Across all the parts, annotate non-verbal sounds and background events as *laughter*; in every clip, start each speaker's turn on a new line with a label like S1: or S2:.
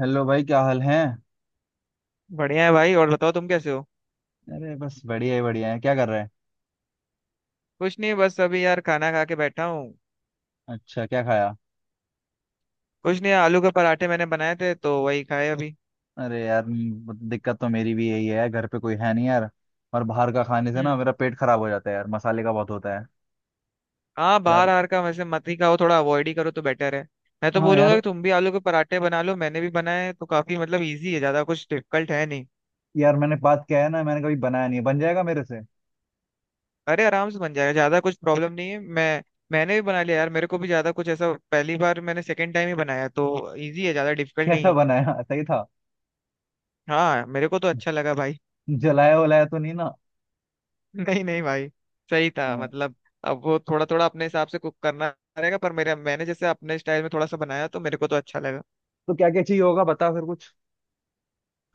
S1: Hello भाई, क्या हाल है।
S2: बढ़िया है भाई। और बताओ तुम कैसे हो?
S1: अरे बस बढ़िया ही बढ़िया है। क्या कर रहे हैं।
S2: कुछ नहीं, बस अभी यार खाना खा के बैठा हूँ।
S1: अच्छा, क्या खाया।
S2: कुछ नहीं, आलू के पराठे मैंने बनाए थे तो वही खाए अभी।
S1: अरे यार दिक्कत तो मेरी भी यही है, घर पे कोई है नहीं यार। और बाहर का खाने से ना
S2: हम्म।
S1: मेरा पेट खराब हो जाता है यार, मसाले का बहुत होता है।
S2: हाँ,
S1: यार
S2: बाहर आर का वैसे मत ही खाओ, थोड़ा अवॉइड ही करो तो बेटर है। मैं तो
S1: हाँ
S2: बोलूंगा
S1: यार,
S2: कि तुम भी आलू के पराठे बना लो, मैंने भी बनाए हैं, तो काफी मतलब इजी है, ज्यादा कुछ डिफिकल्ट है नहीं।
S1: यार मैंने बात किया है ना, मैंने कभी बनाया नहीं है। बन जाएगा मेरे से। *laughs*
S2: अरे, आराम से बन जाएगा, ज्यादा कुछ प्रॉब्लम नहीं है। मैं मैंने भी बना लिया यार, मेरे को भी ज्यादा कुछ ऐसा, पहली बार मैंने सेकेंड टाइम ही बनाया तो इजी है, ज्यादा डिफिकल्ट नहीं
S1: कैसा
S2: है।
S1: बनाया, सही था।
S2: हाँ, मेरे को तो अच्छा लगा भाई।
S1: जलाया वलाया तो नहीं ना।
S2: नहीं नहीं भाई। सही था
S1: हाँ,
S2: मतलब। अब वो थोड़ा थोड़ा अपने हिसाब से कुक करना रहेगा, पर मेरे मैंने जैसे अपने स्टाइल में थोड़ा सा बनाया तो मेरे को तो अच्छा लगा।
S1: तो क्या क्या चाहिए होगा बता फिर कुछ।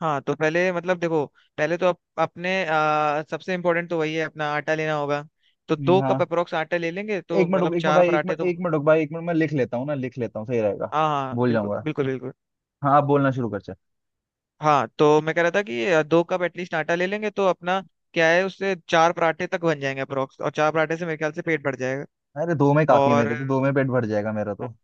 S2: हाँ, तो पहले मतलब देखो। पहले तो अपने सबसे इम्पोर्टेंट तो वही है, अपना आटा लेना होगा। तो दो कप
S1: हाँ।
S2: अप्रोक्स आटा ले लेंगे
S1: एक
S2: तो
S1: मिनट रुक,
S2: मतलब
S1: एक मिनट
S2: चार
S1: भाई, एक
S2: पराठे
S1: मिनट,
S2: तो
S1: एक मिनट रुक भाई, एक मिनट मैं लिख लेता हूँ ना, लिख लेता हूँ सही रहेगा।
S2: हाँ हाँ,
S1: भूल
S2: बिल्कुल
S1: जाऊंगा।
S2: बिल्कुल बिल्कुल।
S1: हाँ आप बोलना शुरू कर।
S2: हाँ, तो मैं कह रहा था कि दो कप एटलीस्ट आटा ले लेंगे तो अपना क्या है, उससे चार पराठे तक बन जाएंगे अप्रोक्स, और चार पराठे से मेरे ख्याल से पेट भर जाएगा।
S1: अरे दो में काफी है,
S2: और
S1: मेरे तो दो में पेट भर जाएगा मेरा तो।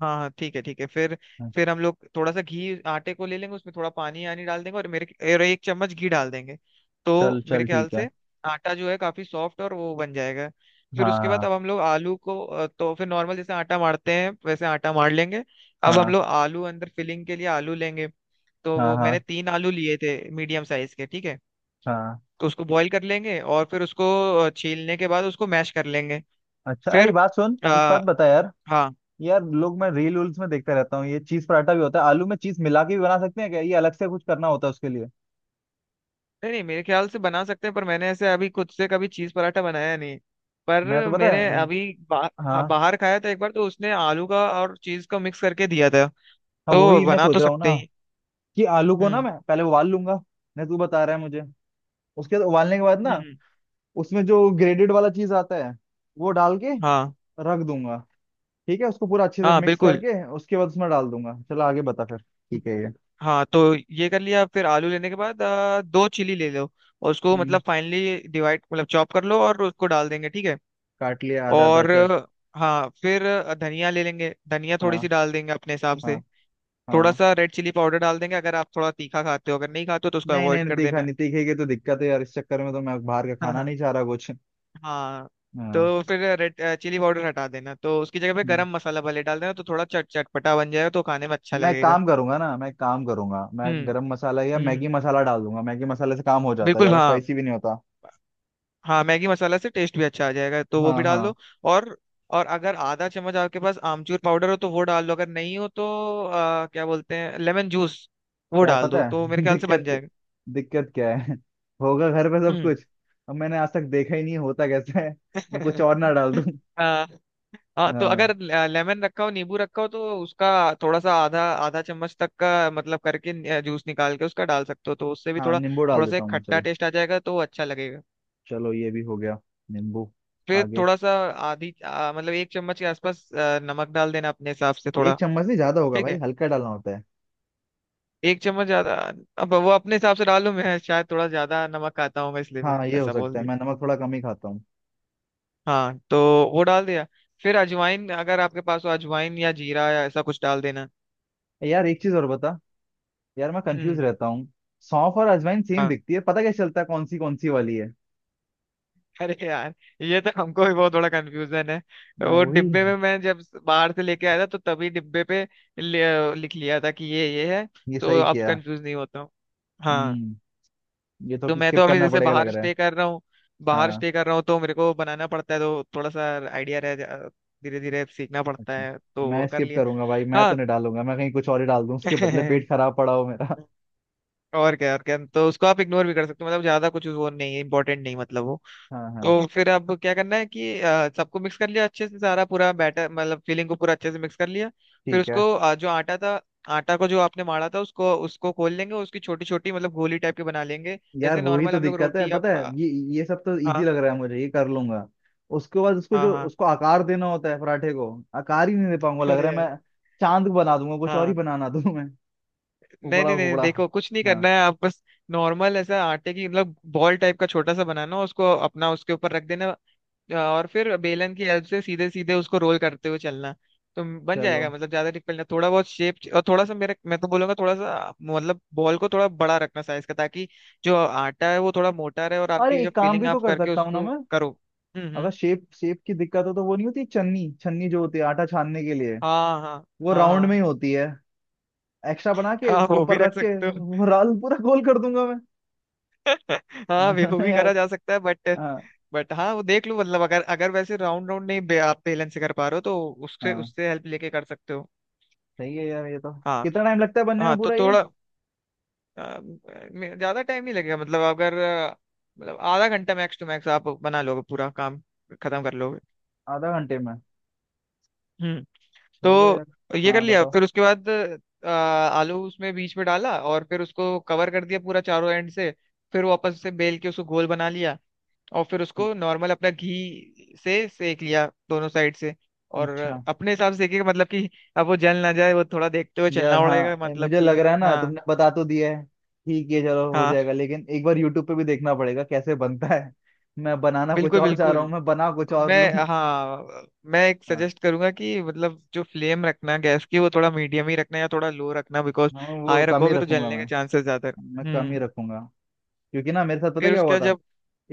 S2: हाँ हाँ, ठीक है ठीक है,
S1: हाँ,
S2: फिर हम लोग थोड़ा सा घी आटे को ले लेंगे, उसमें थोड़ा पानी आनी डाल देंगे, और 1 चम्मच घी डाल देंगे।
S1: चल
S2: तो मेरे
S1: चल
S2: ख्याल
S1: ठीक है।
S2: से आटा जो है काफी सॉफ्ट और वो बन जाएगा। फिर उसके बाद
S1: हाँ
S2: अब हम लोग तो फिर नॉर्मल जैसे आटा मारते हैं वैसे आटा मार लेंगे। अब हम
S1: हाँ
S2: लोग आलू अंदर फिलिंग के लिए आलू लेंगे। तो
S1: हाँ
S2: वो मैंने
S1: हाँ
S2: तीन आलू लिए थे। मीडियम साइज के, ठीक है।
S1: हाँ हाँ।
S2: तो उसको बॉईल कर लेंगे और फिर उसको छीलने के बाद उसको मैश कर लेंगे।
S1: अच्छा, अरे
S2: फिर
S1: बात सुन, एक बात
S2: आ,
S1: बता यार।
S2: हाँ,
S1: यार लोग, मैं रील उल्स में देखता रहता हूँ, ये चीज पराठा भी होता है, आलू में चीज मिला के भी बना सकते हैं क्या, ये अलग से कुछ करना होता है उसके लिए।
S2: नहीं नहीं, मेरे ख्याल से बना सकते हैं, पर मैंने ऐसे अभी खुद से कभी चीज पराठा बनाया नहीं। पर
S1: मैं तो पता है।
S2: मैंने अभी हाँ,
S1: हाँ,
S2: बाहर खाया था एक बार, तो उसने आलू का और चीज का मिक्स करके दिया था।
S1: हाँ
S2: तो
S1: वही मैं
S2: बना
S1: सोच
S2: तो
S1: रहा हूँ
S2: सकते
S1: ना,
S2: ही
S1: कि आलू को ना
S2: हम्म।
S1: मैं पहले उबाल लूंगा। नहीं तू बता रहा है मुझे। उसके बाद उबालने के बाद ना,
S2: हम्म।
S1: उसमें जो ग्रेडेड वाला चीज आता है, वो डाल के
S2: हाँ
S1: रख दूंगा। ठीक है, उसको पूरा अच्छे से
S2: हाँ
S1: मिक्स
S2: बिल्कुल,
S1: करके उसके बाद उसमें डाल दूंगा, चलो आगे बता फिर। ठीक है ये।
S2: हाँ। तो ये कर लिया, फिर आलू लेने के बाद दो चिली ले लो और उसको
S1: हम्म,
S2: मतलब फाइनली डिवाइड, मतलब चॉप कर लो और उसको डाल देंगे, ठीक है।
S1: काट लिया आधा आधा
S2: और
S1: चल।
S2: हाँ, फिर धनिया ले लेंगे, धनिया थोड़ी सी
S1: हाँ
S2: डाल देंगे अपने हिसाब से।
S1: हाँ
S2: थोड़ा
S1: हाँ।
S2: सा रेड चिली पाउडर डाल देंगे अगर आप थोड़ा तीखा खाते हो, अगर नहीं खाते हो तो उसको
S1: नहीं
S2: अवॉइड
S1: नहीं नहीं,
S2: कर
S1: तीखा
S2: देना।
S1: नहीं, तीखेगी तो दिक्कत है यार, इस चक्कर में तो मैं बाहर का
S2: *laughs* हाँ
S1: खाना
S2: हाँ।
S1: नहीं चाह रहा कुछ।
S2: हाँ।
S1: हाँ।
S2: तो फिर रेड चिली पाउडर हटा देना, तो उसकी जगह पे
S1: हम्म।
S2: गरम मसाला भले डाल देना तो थोड़ा चट चटपटा बन जाएगा तो खाने में अच्छा
S1: मैं
S2: लगेगा।
S1: काम करूंगा ना, मैं काम करूंगा, मैं
S2: हम्म।
S1: गरम मसाला या
S2: हम्म।
S1: मैगी मसाला डाल दूंगा, मैगी मसाले से काम हो जाता है,
S2: बिल्कुल,
S1: ज्यादा
S2: हाँ।
S1: स्पाइसी भी नहीं होता।
S2: हाँ, मैगी मसाला से टेस्ट भी अच्छा आ जाएगा तो वो
S1: हाँ
S2: भी डाल
S1: हाँ।
S2: दो। और और अगर आधा चम्मच आपके पास आमचूर पाउडर हो तो वो डाल लो, अगर नहीं हो तो क्या बोलते हैं, लेमन जूस। वो
S1: यार
S2: डाल दो
S1: पता
S2: तो मेरे
S1: है, *laughs*
S2: ख्याल से बन
S1: दिक्कत क्या,
S2: जाएगा।
S1: दिक्कत क्या है *laughs* होगा घर पे सब
S2: हम्म।
S1: कुछ। अब मैंने आज तक देखा ही नहीं, होता कैसे है। मैं कुछ और ना डाल दूं।
S2: *laughs* हाँ। हाँ, तो
S1: हाँ।
S2: अगर लेमन रखा हो, नींबू रखा हो तो उसका थोड़ा सा, आधा आधा चम्मच तक का मतलब करके जूस निकाल के उसका डाल सकते हो, तो उससे भी
S1: हाँ
S2: थोड़ा
S1: नींबू डाल
S2: थोड़ा सा
S1: देता
S2: एक
S1: हूँ मैं,
S2: खट्टा
S1: चलो।
S2: टेस्ट आ जाएगा तो अच्छा लगेगा।
S1: चलो ये भी हो गया। नींबू।
S2: फिर
S1: आगे।
S2: थोड़ा सा मतलब 1 चम्मच के आसपास नमक डाल देना अपने हिसाब से थोड़ा।
S1: एक चम्मच नहीं, ज्यादा होगा
S2: ठीक
S1: भाई,
S2: है।
S1: हल्का डालना होता है।
S2: 1 चम्मच ज्यादा, अब वो अपने हिसाब से डालूं, मैं शायद थोड़ा ज्यादा नमक खाता हूँ, इसलिए मैं
S1: हाँ ये हो
S2: ऐसा बोल
S1: सकता है,
S2: दी।
S1: मैं नमक थोड़ा कम ही खाता हूँ।
S2: हाँ, तो वो डाल दिया। फिर अजवाइन अगर आपके पास हो, अजवाइन या जीरा या ऐसा कुछ डाल देना।
S1: यार एक चीज और बता, यार मैं कंफ्यूज
S2: हम्म।
S1: रहता हूँ। सौंफ और अजवाइन सेम
S2: हाँ।
S1: दिखती है, पता कैसे चलता है कौन सी वाली है।
S2: अरे यार, ये तो हमको भी बहुत थोड़ा कंफ्यूजन है।
S1: हाँ,
S2: वो
S1: वही।
S2: डिब्बे में मैं जब बाहर से लेके आया था तो तभी डिब्बे पे लिख लिया था कि ये है।
S1: ये
S2: तो
S1: सही
S2: अब
S1: किया।
S2: कंफ्यूज नहीं होता हूँ। हाँ।
S1: हम्म। ये तो
S2: तो मैं तो
S1: स्किप
S2: अभी
S1: करना
S2: जैसे
S1: पड़ेगा लग
S2: बाहर
S1: रहा है।
S2: स्टे कर रहा हूँ, बाहर
S1: हाँ।
S2: स्टे कर रहा हूँ तो मेरे को बनाना पड़ता है, तो थोड़ा सा आइडिया रह, धीरे धीरे सीखना पड़ता
S1: अच्छा।
S2: है तो
S1: मैं
S2: वो कर
S1: स्किप
S2: लिया।
S1: करूंगा भाई, मैं
S2: हाँ।
S1: तो नहीं डालूंगा, मैं कहीं कुछ और ही डाल दूं उसके बदले, पेट
S2: *laughs*
S1: खराब पड़ा हो मेरा।
S2: और क्या, और क्या, तो उसको आप इग्नोर भी कर सकते हो, मतलब ज्यादा कुछ वो नहीं है, इंपॉर्टेंट नहीं, मतलब वो
S1: *laughs* हाँ हाँ
S2: तो फिर अब क्या करना है कि सबको मिक्स कर लिया अच्छे से, सारा पूरा बैटर मतलब फीलिंग को पूरा अच्छे से मिक्स कर लिया। फिर
S1: ठीक है।
S2: उसको जो आटा था, आटा को जो आपने माड़ा था, उसको उसको खोल लेंगे, उसकी छोटी छोटी मतलब गोली टाइप की बना लेंगे।
S1: यार
S2: जैसे
S1: वही
S2: नॉर्मल
S1: तो
S2: हम लोग
S1: दिक्कत है,
S2: रोटी या
S1: पता है ये सब तो इजी
S2: हाँ
S1: लग रहा है मुझे, ये कर लूंगा। उसके बाद उसको,
S2: हाँ।
S1: जो
S2: हाँ।
S1: उसको आकार देना होता है पराठे को, आकार ही नहीं दे पाऊंगा लग रहा
S2: अरे
S1: है
S2: यार,
S1: मैं। चांद बना दूंगा, कुछ और ही
S2: हाँ,
S1: बनाना दूं मैं।
S2: नहीं
S1: उपड़ा
S2: नहीं नहीं,
S1: उपड़ा।
S2: देखो कुछ नहीं
S1: हाँ
S2: करना है, आप बस नॉर्मल ऐसा आटे की मतलब बॉल टाइप का छोटा सा बनाना, उसको अपना उसके ऊपर रख देना। और फिर बेलन की हेल्प से सीधे सीधे उसको रोल करते हुए चलना। तो बन जाएगा,
S1: चलो,
S2: मतलब ज्यादा डिफिकल्ट नहीं, थोड़ा बहुत शेप, और थोड़ा सा मेरे मैं तो बोलूंगा थोड़ा सा मतलब बॉल को थोड़ा बड़ा रखना साइज का, ताकि जो आटा है वो थोड़ा मोटा रहे और आपकी
S1: अरे
S2: जब
S1: एक काम
S2: फिलिंग
S1: भी तो
S2: आप
S1: कर
S2: करके
S1: सकता हूँ ना
S2: उसको
S1: मैं।
S2: करो। हम्म।
S1: अगर शेप शेप की दिक्कत हो तो, वो नहीं होती छन्नी छन्नी जो होती है आटा छानने के लिए,
S2: हाँ हाँ।
S1: वो
S2: हाँ।
S1: राउंड में
S2: हाँ।
S1: ही होती है। एक्स्ट्रा बना के
S2: हाँ,
S1: उसको
S2: वो भी
S1: ऊपर
S2: रख
S1: रख के
S2: सकते हो।
S1: वो राल पूरा गोल कर दूंगा मैं।
S2: *laughs*
S1: *laughs*
S2: हाँ,
S1: हाँ
S2: वो भी
S1: यार।
S2: करा जा सकता है,
S1: हाँ
S2: बट हाँ, वो देख लो, मतलब अगर अगर वैसे राउंड राउंड नहीं आप बेलन से कर पा रहे हो तो उससे
S1: हाँ।
S2: उससे हेल्प लेके कर सकते हो।
S1: सही है यार ये तो।
S2: हाँ।
S1: कितना टाइम लगता है बनने में
S2: हाँ, तो
S1: पूरा ये।
S2: थोड़ा अ, ज्यादा टाइम नहीं लगेगा, मतलब अगर मतलब आधा घंटा मैक्स टू मैक्स आप बना लोगे पूरा काम खत्म कर लोगे।
S1: आधा घंटे में।
S2: हम्म।
S1: चलो यार।
S2: तो ये कर
S1: हाँ
S2: लिया,
S1: बताओ।
S2: फिर उसके बाद आलू उसमें बीच में डाला और फिर उसको कवर कर दिया पूरा चारों एंड से। फिर वापस से बेल के उसको गोल बना लिया। और फिर उसको नॉर्मल अपना घी से सेक लिया दोनों साइड से। और
S1: अच्छा।
S2: अपने हिसाब से सेकेगा, मतलब कि अब वो जल ना जाए, वो थोड़ा देखते हुए
S1: यार
S2: चलना पड़ेगा,
S1: हाँ,
S2: मतलब
S1: मुझे लग
S2: कि,
S1: रहा है ना,
S2: हाँ।
S1: तुमने बता तो दिया है, ठीक है चलो हो
S2: हाँ,
S1: जाएगा, लेकिन एक बार यूट्यूब पे भी देखना पड़ेगा कैसे बनता है। मैं बनाना कुछ
S2: बिल्कुल
S1: और चाह रहा
S2: बिल्कुल।
S1: हूँ, मैं बना कुछ
S2: तो
S1: और
S2: मैं,
S1: लूँ।
S2: हाँ, मैं एक
S1: हाँ।
S2: सजेस्ट करूंगा कि मतलब जो फ्लेम रखना गैस की वो थोड़ा मीडियम ही रखना या थोड़ा लो रखना, बिकॉज
S1: हाँ, वो
S2: हाई
S1: कम ही
S2: रखोगे तो
S1: रखूंगा
S2: जलने
S1: मैं
S2: के चांसेस ज्यादा है।
S1: मैं कम ही
S2: हम्म।
S1: रखूंगा। क्योंकि ना मेरे साथ पता
S2: फिर
S1: क्या
S2: उसके
S1: हुआ
S2: बाद
S1: था,
S2: जब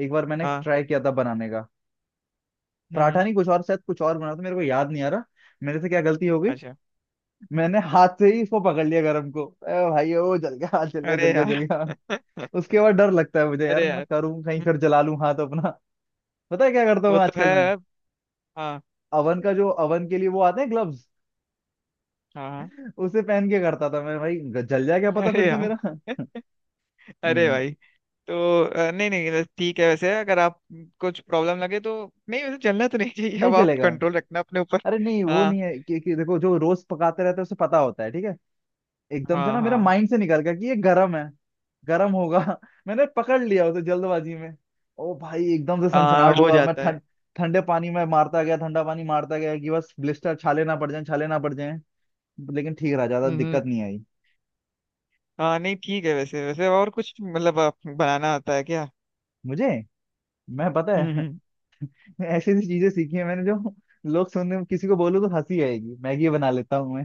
S1: एक बार मैंने
S2: हाँ।
S1: ट्राई किया था बनाने का। पराठा
S2: हम्म।
S1: नहीं, कुछ और, शायद कुछ और बना था, मेरे को याद नहीं आ रहा। मेरे से क्या गलती हो गई,
S2: अच्छा।
S1: मैंने हाथ से ही इसको पकड़ लिया गरम को, ए भाई ओ जल गया, हाथ जल गया, जल
S2: अरे
S1: गया, जल
S2: यार।
S1: गया।
S2: *laughs*
S1: उसके बाद डर लगता है मुझे यार,
S2: अरे
S1: मैं
S2: यार।
S1: करूँ कहीं
S2: हम्म।
S1: फिर जला लूं हाथ अपना। पता है क्या करता हूँ
S2: वो तो
S1: आजकल
S2: है।
S1: मैं,
S2: हाँ।
S1: अवन का, जो अवन के लिए वो आते हैं ग्लव्स,
S2: हाँ हाँ।
S1: उसे पहन के करता था मैं भाई, जल जाए क्या पता फिर
S2: अरे
S1: से
S2: यार।
S1: मेरा। *laughs*
S2: *laughs* अरे
S1: हम्म,
S2: भाई। तो नहीं नहीं, बस ठीक है, वैसे अगर आप कुछ प्रॉब्लम लगे तो नहीं, वैसे चलना तो नहीं चाहिए,
S1: नहीं
S2: अब आप
S1: जलेगा।
S2: कंट्रोल रखना अपने ऊपर।
S1: अरे नहीं वो
S2: हाँ
S1: नहीं है कि देखो, जो रोज पकाते रहते हैं उसे पता होता है ठीक है। एकदम से
S2: हाँ।
S1: ना मेरा
S2: हाँ,
S1: माइंड से निकल गया कि ये गर्म है, गर्म होगा। *laughs* मैंने पकड़ लिया उसे जल्दबाजी में। ओ भाई एकदम से
S2: हाँ
S1: सनसनाहट
S2: हो
S1: हुआ, मैं
S2: जाता है।
S1: ठंड, ठंडे पानी में मारता गया, ठंडा पानी मारता गया कि बस ब्लिस्टर, छाले ना पड़ जाए, छाले ना पड़ जाए। लेकिन ठीक रहा, ज्यादा दिक्कत
S2: हम्म।
S1: नहीं आई
S2: हाँ, नहीं ठीक है, वैसे वैसे और कुछ मतलब आप बनाना आता है क्या?
S1: मुझे। मैं पता
S2: हम्म
S1: है
S2: हम्म।
S1: *laughs* ऐसी ऐसी चीजें सीखी है मैंने, जो लोग, सुनने किसी को बोलूं तो हंसी आएगी। मैगी बना लेता हूँ मैं,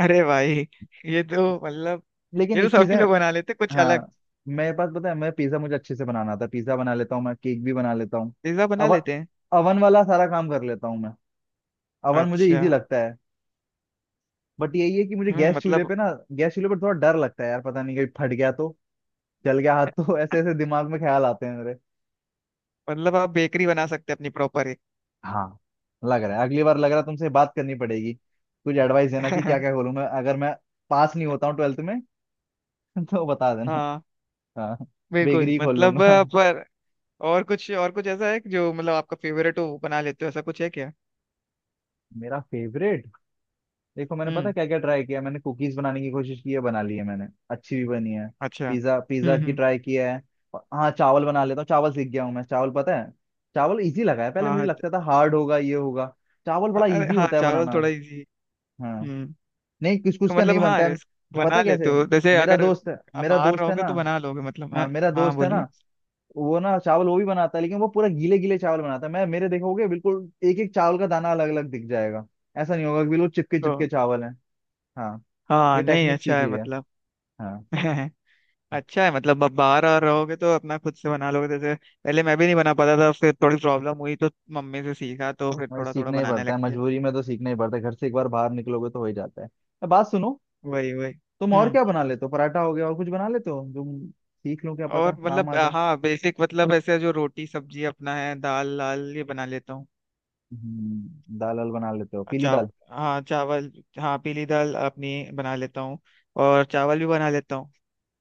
S2: अरे भाई, ये तो मतलब,
S1: लेकिन
S2: ये तो
S1: एक चीज
S2: सभी
S1: है।
S2: लोग बना लेते हैं, कुछ अलग।
S1: हाँ मेरे पास, पता है, मैं पिज्जा, मुझे अच्छे से बनाना आता है, पिज्जा बना लेता हूँ मैं, केक भी बना लेता हूँ।
S2: पिज्जा बना
S1: अवन,
S2: लेते हैं।
S1: अवन वाला सारा काम कर लेता हूँ मैं। अवन मुझे
S2: अच्छा।
S1: इजी लगता है, बट यही है कि मुझे
S2: हम्म,
S1: गैस चूल्हे
S2: मतलब,
S1: पे ना, गैस चूल्हे पर थोड़ा डर लगता है यार, पता नहीं कहीं फट गया तो, जल गया हाथ तो। *laughs* ऐसे ऐसे दिमाग में ख्याल आते हैं मेरे।
S2: मतलब आप बेकरी बना सकते हैं अपनी प्रॉपर एक।
S1: हाँ लग रहा है, अगली बार लग रहा है तुमसे बात करनी पड़ेगी कुछ एडवाइस देना, कि क्या क्या
S2: *laughs*
S1: खोलूं मैं अगर मैं पास नहीं होता हूँ ट्वेल्थ में। *laughs* तो बता देना।
S2: हाँ
S1: हाँ
S2: बिल्कुल,
S1: बेकरी खोल
S2: मतलब
S1: लूंगा।
S2: पर और कुछ, और कुछ ऐसा है कि जो मतलब आपका फेवरेट हो वो बना लेते हो, ऐसा कुछ है क्या?
S1: मेरा फेवरेट, देखो मैंने, पता
S2: हम्म।
S1: क्या क्या ट्राई किया, मैंने कुकीज बनाने की कोशिश की है, बना ली है मैंने, अच्छी भी बनी है।
S2: अच्छा,
S1: पिज्जा, पिज्जा की
S2: हम्म।
S1: ट्राई किया है। और हाँ चावल बना लेता हूँ, चावल सीख गया हूँ मैं, चावल पता है, चावल इजी लगा है, पहले
S2: हाँ
S1: मुझे
S2: हाँ।
S1: लगता था हार्ड होगा ये होगा, चावल बड़ा
S2: अरे
S1: इजी
S2: हाँ,
S1: होता है
S2: चावल
S1: बनाना।
S2: थोड़ा इजी।
S1: हाँ।
S2: हम्म।
S1: नहीं कुछ कुछ
S2: तो
S1: का
S2: मतलब
S1: नहीं
S2: हाँ,
S1: बनता है।
S2: बना
S1: पता
S2: लेते
S1: कैसे,
S2: हो, जैसे
S1: मेरा
S2: अगर
S1: दोस्त है,
S2: आप
S1: मेरा
S2: बाहर
S1: दोस्त है ना,
S2: रहोगे तो बना लोगे, मतलब हाँ।
S1: हाँ मेरा
S2: हाँ,
S1: दोस्त है ना,
S2: बोलिए।
S1: वो ना चावल वो भी बनाता है, लेकिन वो पूरा गीले गीले चावल बनाता है। मैं मेरे देखोगे बिल्कुल एक एक चावल का दाना अलग अलग दिख जाएगा। ऐसा नहीं होगा कि बिल्कुल चिपके
S2: तो
S1: चिपके चावल है। हाँ, ये
S2: हाँ, नहीं
S1: टेक्निक
S2: अच्छा
S1: सीख
S2: है
S1: ली है।
S2: मतलब।
S1: हाँ,
S2: *laughs* अच्छा है मतलब, अब बाहर और रहोगे तो अपना खुद से बना लोगे, जैसे पहले मैं भी नहीं बना पाता था, फिर थोड़ी प्रॉब्लम हुई तो मम्मी से सीखा तो फिर
S1: और
S2: थोड़ा थोड़ा
S1: सीखना ही
S2: बनाने
S1: पड़ता है,
S2: लग गया।
S1: मजबूरी में तो सीखना ही पड़ता है, घर से एक बार बाहर निकलोगे तो हो ही जाता है। अब बात सुनो,
S2: वही वही।
S1: तुम और
S2: हम्म,
S1: क्या बना लेते हो, पराठा हो गया, और कुछ बना लेते हो तुम, सीख लो क्या पता
S2: और
S1: काम
S2: मतलब
S1: आ जाए।
S2: हाँ, बेसिक मतलब ऐसे जो रोटी सब्जी अपना है, दाल लाल ये बना लेता हूँ।
S1: दाल वाल बना लेते हो, पीली
S2: चाव
S1: दाल।
S2: हाँ, चावल, हाँ, पीली दाल अपनी बना लेता हूँ और चावल भी बना लेता हूँ।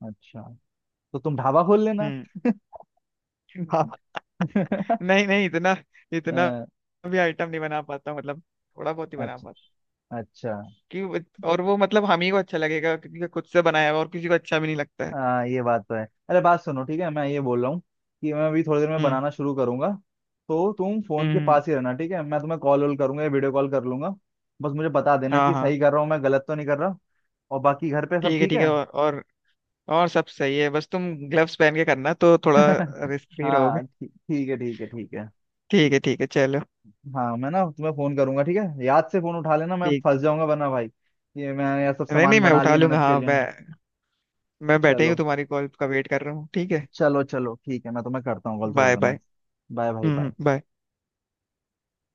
S1: अच्छा, तो तुम ढाबा खोल लेना।
S2: हम्म।
S1: *laughs*
S2: *laughs* नहीं नहीं, इतना इतना
S1: अ,
S2: भी आइटम नहीं बना पाता हूँ, मतलब थोड़ा बहुत ही बना
S1: अच्छा,
S2: पाता
S1: अच्छा।
S2: हूँ कि, और वो मतलब हम ही को अच्छा लगेगा क्योंकि खुद से बनाया हुआ और किसी को अच्छा भी नहीं लगता है।
S1: हाँ ये बात तो है। अरे बात सुनो, ठीक है मैं ये बोल रहा हूँ कि मैं अभी थोड़ी देर में
S2: हम्म
S1: बनाना शुरू करूंगा, तो तुम
S2: हम्म।
S1: फोन के पास ही रहना ठीक है, मैं तुम्हें कॉल वॉल करूंगा या वीडियो कॉल कर लूंगा। बस मुझे बता देना
S2: हाँ
S1: कि
S2: हाँ,
S1: सही कर रहा हूँ मैं, गलत तो नहीं कर रहा। और बाकी घर पे सब
S2: ठीक है
S1: ठीक
S2: ठीक है,
S1: है।
S2: और और सब सही है, बस तुम ग्लव्स पहन के करना तो थोड़ा
S1: *laughs*
S2: रिस्क फ्री रहोगे।
S1: हाँ ठीक, ठीक है, ठीक है, ठीक है।
S2: ठीक है ठीक है, चलो।
S1: हाँ मैं ना तुम्हें फोन करूंगा, ठीक है याद से फोन उठा लेना, मैं
S2: ठीक,
S1: फंस जाऊंगा वरना भाई, ये मैं यह सब
S2: नहीं नहीं,
S1: सामान
S2: मैं
S1: बना
S2: उठा
S1: लिए
S2: लूंगा,
S1: मेहनत के
S2: हाँ,
S1: लिए।
S2: मैं बैठे ही हूँ,
S1: चलो
S2: तुम्हारी कॉल का वेट कर रहा हूँ, ठीक है।
S1: चलो चलो ठीक है, मैं तुम्हें करता हूँ कॉल थोड़ी
S2: बाय
S1: देर में।
S2: बाय।
S1: बाय भाई
S2: हम्म,
S1: बाय।
S2: बाय।